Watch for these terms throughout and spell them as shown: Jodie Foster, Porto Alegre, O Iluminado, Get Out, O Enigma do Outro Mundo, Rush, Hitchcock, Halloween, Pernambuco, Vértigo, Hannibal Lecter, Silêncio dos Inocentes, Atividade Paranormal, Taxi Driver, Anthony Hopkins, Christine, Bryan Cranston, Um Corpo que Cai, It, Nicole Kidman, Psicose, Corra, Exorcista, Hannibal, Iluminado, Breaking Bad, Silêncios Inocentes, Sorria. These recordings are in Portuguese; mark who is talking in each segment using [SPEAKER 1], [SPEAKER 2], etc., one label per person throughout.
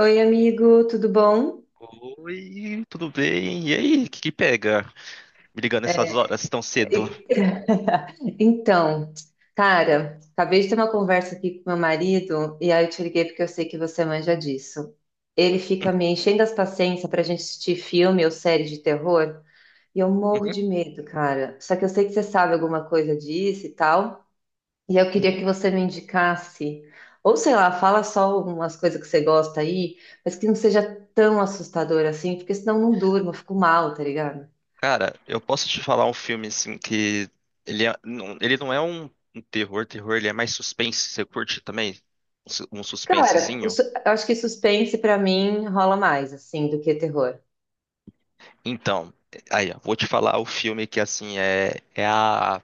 [SPEAKER 1] Oi, amigo, tudo bom?
[SPEAKER 2] Oi, tudo bem? E aí, o que que pega? Me ligando essas
[SPEAKER 1] É,
[SPEAKER 2] horas tão cedo.
[SPEAKER 1] E- Então, cara, acabei de ter uma conversa aqui com meu marido e aí eu te liguei porque eu sei que você manja disso. Ele fica me enchendo as paciências pra gente assistir filme ou série de terror e eu morro
[SPEAKER 2] Uhum,
[SPEAKER 1] de medo, cara. Só que eu sei que você sabe alguma coisa disso e tal, e eu queria
[SPEAKER 2] uhum.
[SPEAKER 1] que você me indicasse, ou sei lá, fala só algumas coisas que você gosta aí, mas que não seja tão assustador assim, porque senão eu não durmo, eu fico mal, tá ligado?
[SPEAKER 2] Cara, eu posso te falar um filme assim que ele não é um terror, terror, ele é mais suspense. Você curte também um
[SPEAKER 1] Cara,
[SPEAKER 2] suspensezinho?
[SPEAKER 1] eu acho que suspense pra mim rola mais, assim, do que terror.
[SPEAKER 2] Então, aí, ó, vou te falar o filme que assim é é a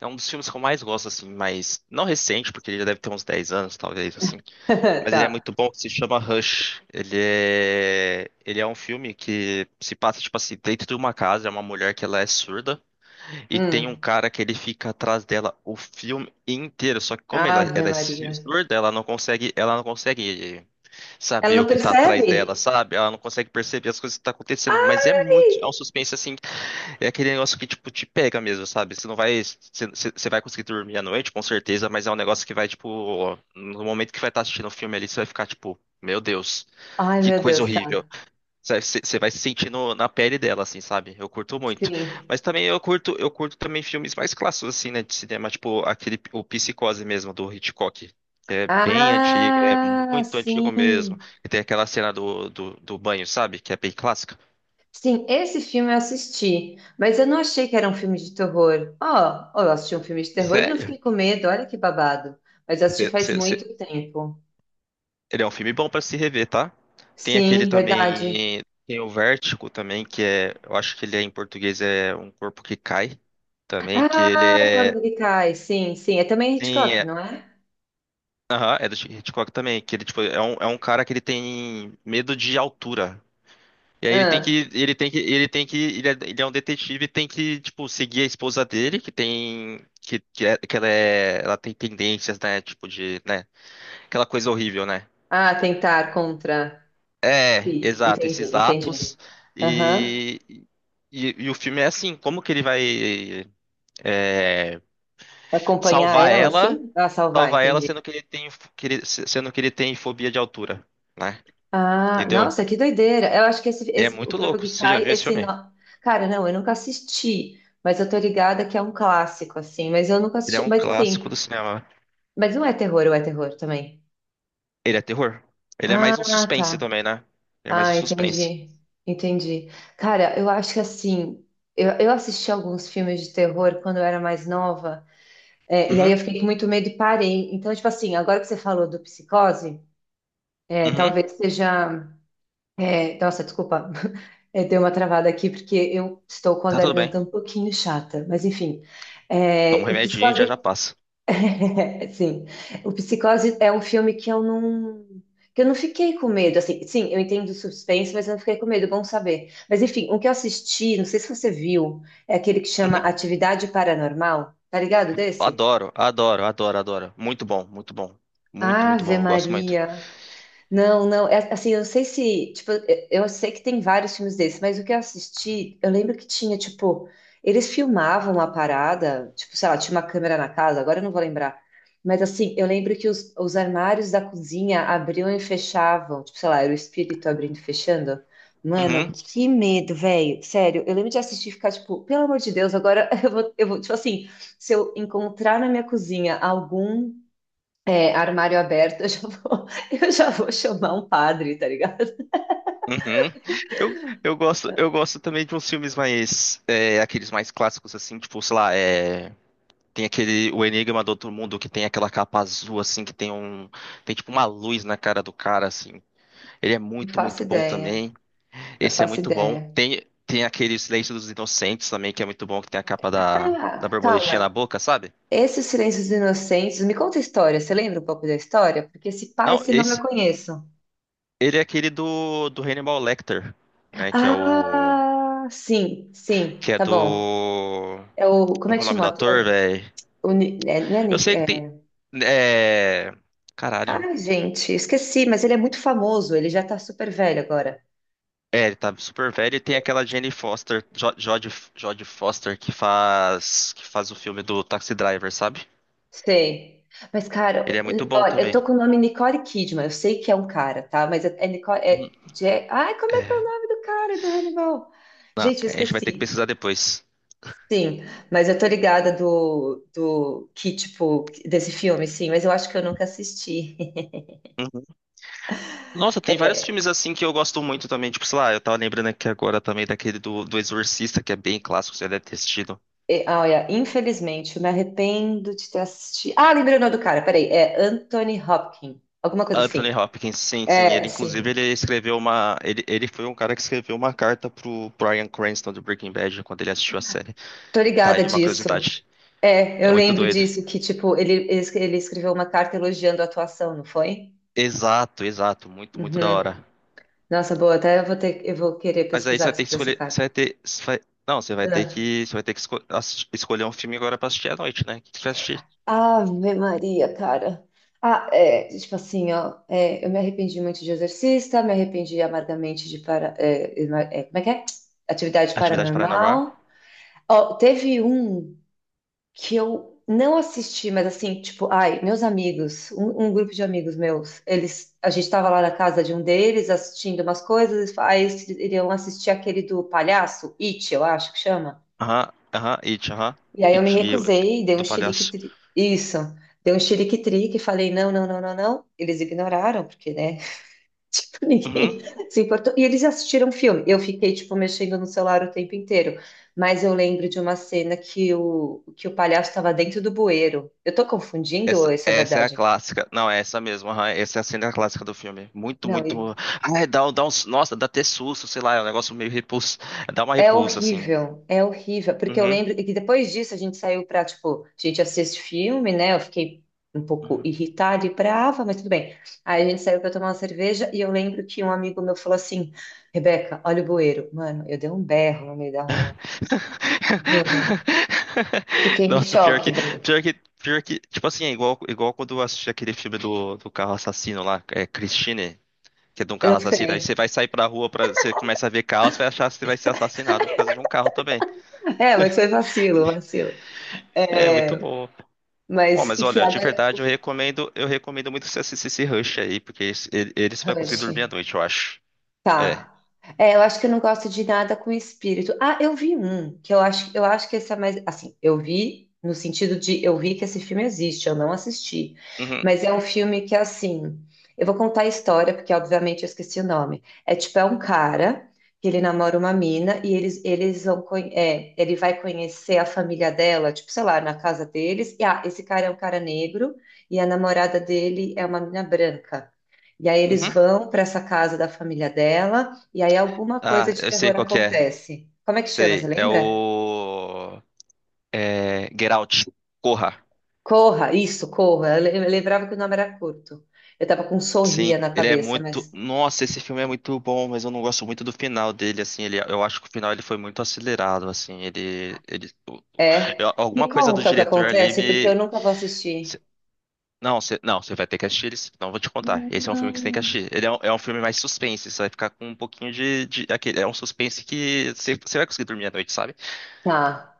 [SPEAKER 2] é um dos filmes que eu mais gosto assim, mas não recente, porque ele já deve ter uns 10 anos, talvez assim. Mas ele é
[SPEAKER 1] Tá.
[SPEAKER 2] muito bom, que se chama Rush. Ele é um filme que se passa, tipo assim, dentro de uma casa, é uma mulher que ela é surda, e tem um
[SPEAKER 1] Hum.
[SPEAKER 2] cara que ele fica atrás dela o filme inteiro. Só que como ela,
[SPEAKER 1] Ave
[SPEAKER 2] ela é
[SPEAKER 1] Maria.
[SPEAKER 2] surda, ela não consegue
[SPEAKER 1] Ela
[SPEAKER 2] saber
[SPEAKER 1] não
[SPEAKER 2] o que tá atrás dela,
[SPEAKER 1] percebe?
[SPEAKER 2] sabe? Ela não consegue perceber as coisas que tá acontecendo. Mas
[SPEAKER 1] Ai!
[SPEAKER 2] é um suspense assim. É aquele negócio que, tipo, te pega mesmo, sabe? Você não vai. Você vai conseguir dormir à noite, com certeza, mas é um negócio que vai, tipo. No momento que vai estar assistindo o filme ali, você vai ficar, tipo, meu Deus,
[SPEAKER 1] Ai,
[SPEAKER 2] que
[SPEAKER 1] meu
[SPEAKER 2] coisa
[SPEAKER 1] Deus,
[SPEAKER 2] horrível.
[SPEAKER 1] tá.
[SPEAKER 2] Você vai se sentindo na pele dela, assim, sabe? Eu curto muito.
[SPEAKER 1] Sim.
[SPEAKER 2] Mas também eu curto também filmes mais clássicos, assim, né, de cinema, tipo aquele, o Psicose mesmo, do Hitchcock. Que É bem antigo, é
[SPEAKER 1] Ah,
[SPEAKER 2] muito antigo mesmo.
[SPEAKER 1] sim.
[SPEAKER 2] E tem aquela cena do banho, sabe? Que é bem clássica.
[SPEAKER 1] Sim, esse filme eu assisti, mas eu não achei que era um filme de terror. Ó, ó, eu assisti um filme de terror e não
[SPEAKER 2] Sério?
[SPEAKER 1] fiquei com medo, olha que babado. Mas eu assisti faz muito tempo.
[SPEAKER 2] Ele é um filme bom pra se rever, tá? Tem aquele
[SPEAKER 1] Sim, verdade.
[SPEAKER 2] também, tem o Vértigo também, que é, eu acho que ele é em português é Um Corpo que Cai, também,
[SPEAKER 1] Ah, o Corvo que Cai, sim, sim. É também
[SPEAKER 2] sim,
[SPEAKER 1] Hitchcock,
[SPEAKER 2] é,
[SPEAKER 1] não é?
[SPEAKER 2] aham, é do Hitchcock também, que ele, tipo, é um cara que ele tem medo de altura. E aí ele tem
[SPEAKER 1] Ah,
[SPEAKER 2] que, ele tem que, ele tem que, ele é um detetive e tem que, tipo, seguir a esposa dele, que tem, que, é- que ela tem tendências, né, tipo de, né, aquela coisa horrível, né?
[SPEAKER 1] ah, tentar contra.
[SPEAKER 2] É,
[SPEAKER 1] Sim,
[SPEAKER 2] exato,
[SPEAKER 1] entendi,
[SPEAKER 2] esses atos.
[SPEAKER 1] entendi. Aham.
[SPEAKER 2] E, e o filme é assim, como que ele vai é,
[SPEAKER 1] Acompanhar
[SPEAKER 2] salvar
[SPEAKER 1] ela,
[SPEAKER 2] ela,
[SPEAKER 1] sim? Ah, salvar,
[SPEAKER 2] salvar ela
[SPEAKER 1] entendi.
[SPEAKER 2] sendo que ele tem, sendo que ele tem fobia de altura, né?
[SPEAKER 1] Ah,
[SPEAKER 2] Entendeu?
[SPEAKER 1] nossa, que doideira. Eu acho que esse,
[SPEAKER 2] É
[SPEAKER 1] esse o
[SPEAKER 2] muito
[SPEAKER 1] corpo
[SPEAKER 2] louco.
[SPEAKER 1] que
[SPEAKER 2] Você já
[SPEAKER 1] cai,
[SPEAKER 2] viu esse
[SPEAKER 1] esse
[SPEAKER 2] filme?
[SPEAKER 1] nó. Cara, não, eu nunca assisti, mas eu tô ligada que é um clássico, assim, mas eu nunca
[SPEAKER 2] Ele é
[SPEAKER 1] assisti.
[SPEAKER 2] um
[SPEAKER 1] Mas
[SPEAKER 2] clássico
[SPEAKER 1] assim,
[SPEAKER 2] do cinema.
[SPEAKER 1] mas não é terror, ou é terror também?
[SPEAKER 2] Ele é terror. Ele é
[SPEAKER 1] Ah,
[SPEAKER 2] mais um suspense
[SPEAKER 1] tá.
[SPEAKER 2] também, né? Ele é mais um
[SPEAKER 1] Ah,
[SPEAKER 2] suspense.
[SPEAKER 1] entendi. Entendi. Cara, eu acho que assim, eu assisti alguns filmes de terror quando eu era mais nova. É, e aí
[SPEAKER 2] Uhum,
[SPEAKER 1] eu fiquei com muito medo e parei. Então, tipo assim, agora que você falou do psicose,
[SPEAKER 2] uhum.
[SPEAKER 1] talvez seja. Nossa, desculpa, deu uma travada aqui, porque eu estou com a
[SPEAKER 2] Tá tudo bem.
[SPEAKER 1] garganta um pouquinho chata, mas enfim.
[SPEAKER 2] Toma um
[SPEAKER 1] É, o
[SPEAKER 2] remedinho e já
[SPEAKER 1] psicose.
[SPEAKER 2] já passa.
[SPEAKER 1] É, sim, o psicose é um filme que eu não. Que eu não fiquei com medo, assim, sim, eu entendo o suspense, mas eu não fiquei com medo, bom saber. Mas enfim, o que eu assisti, não sei se você viu, é aquele que chama
[SPEAKER 2] Uhum.
[SPEAKER 1] Atividade Paranormal, tá ligado desse?
[SPEAKER 2] Adoro, adoro, adoro, adoro. Muito bom, muito bom. Muito, muito
[SPEAKER 1] Ave
[SPEAKER 2] bom. Eu gosto muito.
[SPEAKER 1] Maria. Não, não, é, assim, eu não sei se, tipo, eu sei que tem vários filmes desses, mas o que eu assisti, eu lembro que tinha, tipo, eles filmavam a parada, tipo, sei lá, tinha uma câmera na casa, agora eu não vou lembrar, mas assim, eu lembro que os armários da cozinha abriam e fechavam, tipo, sei lá, era o espírito abrindo e fechando. Mano,
[SPEAKER 2] Uhum.
[SPEAKER 1] que medo, velho, sério, eu lembro de assistir e ficar, tipo, pelo amor de Deus, agora eu vou, tipo assim, se eu encontrar na minha cozinha algum armário aberto, eu já vou, eu já vou chamar um padre, tá ligado?
[SPEAKER 2] Uhum. Eu gosto também de uns filmes mais, é, aqueles mais clássicos assim, tipo, sei lá, é, tem aquele O Enigma do Outro Mundo que tem aquela capa azul assim, tem tipo uma luz na cara do cara assim. Ele é
[SPEAKER 1] Não
[SPEAKER 2] muito,
[SPEAKER 1] faço
[SPEAKER 2] muito bom
[SPEAKER 1] ideia,
[SPEAKER 2] também.
[SPEAKER 1] não
[SPEAKER 2] Esse é
[SPEAKER 1] faço
[SPEAKER 2] muito bom.
[SPEAKER 1] ideia.
[SPEAKER 2] Tem aquele Silêncio dos Inocentes também que é muito bom, que tem a capa da
[SPEAKER 1] Ah,
[SPEAKER 2] borboletinha na
[SPEAKER 1] calma.
[SPEAKER 2] boca, sabe?
[SPEAKER 1] Esses Silêncios Inocentes, me conta a história. Você lembra um pouco da história? Porque esse pai,
[SPEAKER 2] Não,
[SPEAKER 1] esse nome eu
[SPEAKER 2] esse,
[SPEAKER 1] conheço.
[SPEAKER 2] ele é aquele do Hannibal Lecter, né?
[SPEAKER 1] Ah, sim, sim,
[SPEAKER 2] Que é
[SPEAKER 1] tá bom.
[SPEAKER 2] do,
[SPEAKER 1] É o, como
[SPEAKER 2] como
[SPEAKER 1] é
[SPEAKER 2] que é
[SPEAKER 1] que
[SPEAKER 2] o nome
[SPEAKER 1] chama o
[SPEAKER 2] do ator,
[SPEAKER 1] ator?
[SPEAKER 2] velho?
[SPEAKER 1] Não é
[SPEAKER 2] Eu
[SPEAKER 1] Nick,
[SPEAKER 2] sei que tem. É. Caralho.
[SPEAKER 1] Cara, gente, esqueci, mas ele é muito famoso, ele já tá super velho agora.
[SPEAKER 2] É, ele tá super velho e tem aquela Jane Foster, Jodie Foster, que faz. Que faz o filme do Taxi Driver, sabe?
[SPEAKER 1] Sei. Mas,
[SPEAKER 2] Ele
[SPEAKER 1] cara,
[SPEAKER 2] é muito bom
[SPEAKER 1] olha, eu
[SPEAKER 2] também.
[SPEAKER 1] tô com o nome Nicole Kidman. Eu sei que é um cara, tá? Mas é Nicole.
[SPEAKER 2] Uhum.
[SPEAKER 1] Ai, como é que é o
[SPEAKER 2] É.
[SPEAKER 1] nome do cara do Hannibal?
[SPEAKER 2] Não,
[SPEAKER 1] Gente, eu
[SPEAKER 2] a gente vai ter que
[SPEAKER 1] esqueci.
[SPEAKER 2] pesquisar depois.
[SPEAKER 1] Sim, mas eu tô ligada do, do que, tipo, desse filme, sim, mas eu acho que eu nunca assisti.
[SPEAKER 2] Uhum. Nossa, tem vários
[SPEAKER 1] É,
[SPEAKER 2] filmes assim que eu gosto muito também. Tipo, sei lá, eu tava lembrando aqui agora também daquele do Exorcista, que é bem clássico, você deve ter assistido.
[SPEAKER 1] é, ah, olha, infelizmente, eu me arrependo de ter assistido. Ah, lembrei o nome do cara, peraí. É Anthony Hopkins, alguma coisa
[SPEAKER 2] Anthony
[SPEAKER 1] assim.
[SPEAKER 2] Hopkins, sim, sim.
[SPEAKER 1] É, sim.
[SPEAKER 2] Ele foi um cara que escreveu uma carta pro Bryan Cranston do Breaking Bad quando ele assistiu a série.
[SPEAKER 1] Tô
[SPEAKER 2] Tá
[SPEAKER 1] ligada
[SPEAKER 2] aí uma
[SPEAKER 1] disso.
[SPEAKER 2] curiosidade.
[SPEAKER 1] É,
[SPEAKER 2] É
[SPEAKER 1] eu
[SPEAKER 2] muito
[SPEAKER 1] lembro
[SPEAKER 2] doido.
[SPEAKER 1] disso, que tipo, ele, ele escreveu uma carta elogiando a atuação, não foi?
[SPEAKER 2] Exato, exato. Muito, muito da
[SPEAKER 1] Uhum.
[SPEAKER 2] hora.
[SPEAKER 1] Nossa, boa, até eu vou ter, eu vou querer
[SPEAKER 2] Mas aí você
[SPEAKER 1] pesquisar
[SPEAKER 2] vai ter que
[SPEAKER 1] sobre essa
[SPEAKER 2] escolher. Você
[SPEAKER 1] carta.
[SPEAKER 2] vai ter. Você vai- não, você vai ter
[SPEAKER 1] Ah.
[SPEAKER 2] que. Você vai ter que escolher um filme agora pra assistir à noite, né? O que você vai assistir?
[SPEAKER 1] Ave Maria, cara. Ah, é, tipo assim, ó, é, eu me arrependi muito de exorcista, me arrependi amargamente de para, como é que é? Atividade
[SPEAKER 2] Atividade Paranormal?
[SPEAKER 1] paranormal. Ó, teve um. Que eu não assisti, mas assim, tipo, ai, meus amigos, um grupo de amigos meus, a gente tava lá na casa de um deles assistindo umas coisas, aí eles iriam assistir aquele do palhaço, It, eu acho que chama.
[SPEAKER 2] Aham, aham.
[SPEAKER 1] E aí eu
[SPEAKER 2] It
[SPEAKER 1] me
[SPEAKER 2] e o-
[SPEAKER 1] recusei, dei
[SPEAKER 2] do
[SPEAKER 1] um chilique,
[SPEAKER 2] Palhaço.
[SPEAKER 1] isso, dei um chilique-trique, falei não, não, não, não, não. Eles ignoraram, porque, né?
[SPEAKER 2] Uhum.
[SPEAKER 1] Ninguém se importou. E eles assistiram o filme. Eu fiquei, tipo, mexendo no celular o tempo inteiro. Mas eu lembro de uma cena que o palhaço estava dentro do bueiro. Eu tô confundindo ou
[SPEAKER 2] Essa,
[SPEAKER 1] isso é
[SPEAKER 2] essa é a
[SPEAKER 1] verdade?
[SPEAKER 2] clássica. Não, é essa mesmo. Aham, essa é a cena clássica do filme. Muito,
[SPEAKER 1] Não,
[SPEAKER 2] muito. Ah, é, dá, um- dá uns. Nossa, dá até susto, sei lá, é um negócio meio repulso. Dá uma
[SPEAKER 1] é
[SPEAKER 2] repulsa, assim.
[SPEAKER 1] horrível. É horrível. Porque eu
[SPEAKER 2] Uhum.
[SPEAKER 1] lembro que depois disso a gente saiu pra, tipo, a gente assiste filme, né? Eu fiquei um pouco
[SPEAKER 2] Uhum.
[SPEAKER 1] irritada e brava, mas tudo bem. Aí a gente saiu pra tomar uma cerveja e eu lembro que um amigo meu falou assim: Rebeca, olha o bueiro. Mano, eu dei um berro no meio da rua. Juro. Fiquei em
[SPEAKER 2] Nossa, pior
[SPEAKER 1] choque,
[SPEAKER 2] que,
[SPEAKER 1] velho.
[SPEAKER 2] pior que, pior que, tipo assim, é igual, igual quando eu assisti aquele filme do carro assassino lá, é Christine, que é de um
[SPEAKER 1] Eu
[SPEAKER 2] carro assassino, aí você
[SPEAKER 1] sei.
[SPEAKER 2] vai sair pra rua, pra, você começa a ver carro, você vai achar que você vai ser assassinado por causa de um carro também.
[SPEAKER 1] É, mas foi vacilo, vacilo.
[SPEAKER 2] É, muito
[SPEAKER 1] É,
[SPEAKER 2] bom. Bom,
[SPEAKER 1] mas,
[SPEAKER 2] mas
[SPEAKER 1] enfim,
[SPEAKER 2] olha, de
[SPEAKER 1] agora.
[SPEAKER 2] verdade eu recomendo muito você assistir esse Rush aí, porque ele você vai conseguir
[SPEAKER 1] Rush.
[SPEAKER 2] dormir à noite, eu acho.
[SPEAKER 1] Tá.
[SPEAKER 2] É.
[SPEAKER 1] É, eu acho que eu não gosto de nada com espírito. Ah, eu vi um, que eu acho que esse é mais, assim, eu vi no sentido de eu vi que esse filme existe, eu não assisti.
[SPEAKER 2] Uhum.
[SPEAKER 1] Mas é um filme que assim, eu vou contar a história porque obviamente eu esqueci o nome. É tipo é um cara que ele namora uma mina e ele vai conhecer a família dela, tipo, sei lá, na casa deles. E ah, esse cara é um cara negro e a namorada dele é uma mina branca. E aí eles
[SPEAKER 2] Uhum.
[SPEAKER 1] vão para essa casa da família dela, e aí alguma coisa
[SPEAKER 2] Ah,
[SPEAKER 1] de
[SPEAKER 2] eu sei
[SPEAKER 1] terror
[SPEAKER 2] qual que é.
[SPEAKER 1] acontece. Como é que chama, você
[SPEAKER 2] Sei. É
[SPEAKER 1] lembra?
[SPEAKER 2] o. É. Get Out. Corra.
[SPEAKER 1] Corra, isso, Corra. Eu lembrava que o nome era curto. Eu tava com um
[SPEAKER 2] Sim,
[SPEAKER 1] sorria na
[SPEAKER 2] ele é
[SPEAKER 1] cabeça,
[SPEAKER 2] muito.
[SPEAKER 1] mas
[SPEAKER 2] Nossa, esse filme é muito bom, mas eu não gosto muito do final dele, assim. Ele, eu acho que o final ele foi muito acelerado, assim.
[SPEAKER 1] é.
[SPEAKER 2] Eu-
[SPEAKER 1] Me
[SPEAKER 2] alguma coisa do
[SPEAKER 1] conta o que
[SPEAKER 2] diretor ali
[SPEAKER 1] acontece, porque eu
[SPEAKER 2] me.
[SPEAKER 1] nunca vou assistir.
[SPEAKER 2] Não, você não, você vai ter que assistir ele, sim, não vou te contar. Esse é um filme que você tem que
[SPEAKER 1] Não.
[SPEAKER 2] assistir. É um filme mais suspense, você vai ficar com um pouquinho de aquele, é um suspense que você, você vai conseguir dormir à noite, sabe?
[SPEAKER 1] Tá,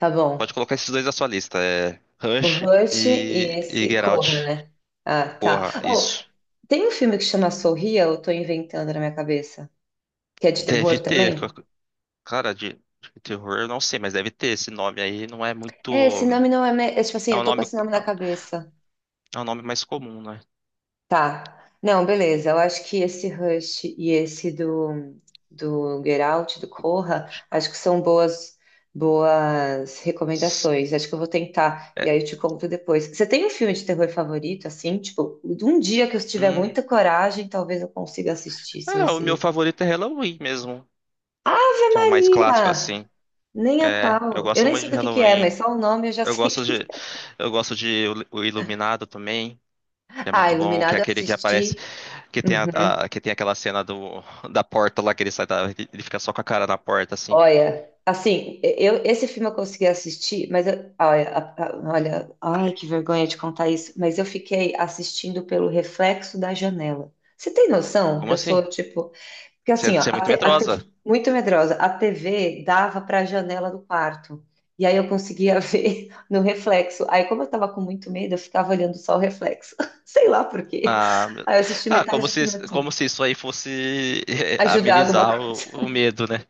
[SPEAKER 1] tá
[SPEAKER 2] Pode
[SPEAKER 1] bom.
[SPEAKER 2] colocar esses dois na sua lista, é
[SPEAKER 1] O
[SPEAKER 2] Rush
[SPEAKER 1] Rush e
[SPEAKER 2] e
[SPEAKER 1] esse
[SPEAKER 2] Get
[SPEAKER 1] Corra,
[SPEAKER 2] Out.
[SPEAKER 1] né? Ah, tá.
[SPEAKER 2] Porra,
[SPEAKER 1] Oh,
[SPEAKER 2] isso
[SPEAKER 1] tem um filme que chama Sorria, ou eu tô inventando na minha cabeça, que é de terror
[SPEAKER 2] deve ter,
[SPEAKER 1] também?
[SPEAKER 2] cara, de terror, eu não sei, mas deve ter esse nome aí, não é muito,
[SPEAKER 1] É, esse nome não é, me- é. Tipo assim,
[SPEAKER 2] é
[SPEAKER 1] eu
[SPEAKER 2] um
[SPEAKER 1] tô com
[SPEAKER 2] nome,
[SPEAKER 1] esse nome na cabeça.
[SPEAKER 2] é um nome mais comum, né?
[SPEAKER 1] Tá. Não, beleza. Eu acho que esse Rush e esse do, do Get Out, do Corra, acho que são boas, boas recomendações. Acho que eu vou tentar. E
[SPEAKER 2] É,
[SPEAKER 1] aí eu te conto depois. Você tem um filme de terror favorito, assim? Tipo, um dia que eu tiver
[SPEAKER 2] hum,
[SPEAKER 1] muita coragem, talvez eu consiga assistir, se
[SPEAKER 2] é, o meu
[SPEAKER 1] você.
[SPEAKER 2] favorito é Halloween mesmo,
[SPEAKER 1] Ave
[SPEAKER 2] que é o mais clássico
[SPEAKER 1] Maria!
[SPEAKER 2] assim.
[SPEAKER 1] Nem a
[SPEAKER 2] É, eu
[SPEAKER 1] pau. Eu
[SPEAKER 2] gosto
[SPEAKER 1] nem
[SPEAKER 2] muito
[SPEAKER 1] sei
[SPEAKER 2] de
[SPEAKER 1] do que é, mas
[SPEAKER 2] Halloween.
[SPEAKER 1] só o nome eu já
[SPEAKER 2] Eu
[SPEAKER 1] sei
[SPEAKER 2] gosto
[SPEAKER 1] que.
[SPEAKER 2] de, eu gosto de O Iluminado também, que é
[SPEAKER 1] Ah,
[SPEAKER 2] muito bom, que é
[SPEAKER 1] Iluminado eu
[SPEAKER 2] aquele que aparece,
[SPEAKER 1] assisti.
[SPEAKER 2] que tem a,
[SPEAKER 1] Uhum.
[SPEAKER 2] que tem aquela cena do, da porta lá que ele sai da, ele fica só com a cara na porta assim.
[SPEAKER 1] Olha, assim, esse filme eu consegui assistir, olha, ai, que vergonha de contar isso, mas eu fiquei assistindo pelo reflexo da janela. Você tem noção que
[SPEAKER 2] Como
[SPEAKER 1] eu
[SPEAKER 2] assim?
[SPEAKER 1] sou tipo, porque assim, ó,
[SPEAKER 2] Você é muito
[SPEAKER 1] a
[SPEAKER 2] medrosa.
[SPEAKER 1] TV muito medrosa, a TV dava para a janela do quarto. E aí eu conseguia ver no reflexo. Aí como eu tava com muito medo, eu ficava olhando só o reflexo. Sei lá por quê.
[SPEAKER 2] Ah, meu-
[SPEAKER 1] Aí eu assisti
[SPEAKER 2] ah,
[SPEAKER 1] metade do filme
[SPEAKER 2] como
[SPEAKER 1] assim,
[SPEAKER 2] se isso aí fosse eh,
[SPEAKER 1] ajudar alguma
[SPEAKER 2] amenizar
[SPEAKER 1] coisa.
[SPEAKER 2] o medo, né?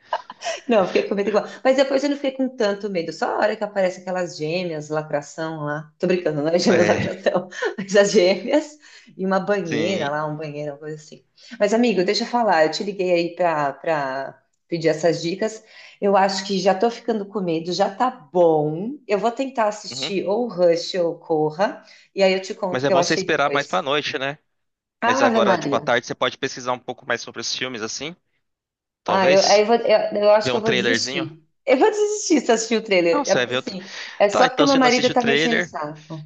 [SPEAKER 1] Não, fiquei com medo igual. Mas depois eu não fiquei com tanto medo. Só a hora que aparece aquelas gêmeas, lacração lá. Tô brincando, não é gêmeas
[SPEAKER 2] É,
[SPEAKER 1] lacração, mas as gêmeas e uma banheira
[SPEAKER 2] sim.
[SPEAKER 1] lá, um banheiro, uma coisa assim. Mas, amigo, deixa eu falar, eu te liguei aí pra pedir essas dicas. Eu acho que já tô ficando com medo, já tá bom. Eu vou tentar
[SPEAKER 2] Uhum.
[SPEAKER 1] assistir ou Rush ou Corra, e aí eu te conto o
[SPEAKER 2] Mas é
[SPEAKER 1] que eu
[SPEAKER 2] bom você
[SPEAKER 1] achei
[SPEAKER 2] esperar mais pra
[SPEAKER 1] depois.
[SPEAKER 2] noite, né? Mas
[SPEAKER 1] Ave
[SPEAKER 2] agora, tipo, à
[SPEAKER 1] Maria.
[SPEAKER 2] tarde você pode pesquisar um pouco mais sobre os filmes, assim,
[SPEAKER 1] Ah, eu, aí eu,
[SPEAKER 2] talvez.
[SPEAKER 1] vou- eu, eu acho
[SPEAKER 2] Ver
[SPEAKER 1] que eu
[SPEAKER 2] um
[SPEAKER 1] vou
[SPEAKER 2] trailerzinho.
[SPEAKER 1] desistir. Eu vou desistir se assistir o trailer.
[SPEAKER 2] Não,
[SPEAKER 1] É
[SPEAKER 2] você vai
[SPEAKER 1] porque
[SPEAKER 2] ver outro.
[SPEAKER 1] assim, é
[SPEAKER 2] Tá,
[SPEAKER 1] só porque
[SPEAKER 2] então
[SPEAKER 1] meu
[SPEAKER 2] você não
[SPEAKER 1] marido
[SPEAKER 2] assiste o
[SPEAKER 1] tá mexendo o
[SPEAKER 2] trailer.
[SPEAKER 1] saco.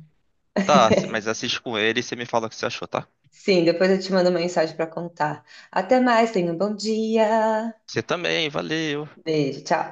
[SPEAKER 2] Tá, mas assiste com ele e você me fala o que você achou, tá?
[SPEAKER 1] Sim, depois eu te mando uma mensagem pra contar. Até mais, tenha um bom dia.
[SPEAKER 2] Você também, valeu.
[SPEAKER 1] Beijo, tchau.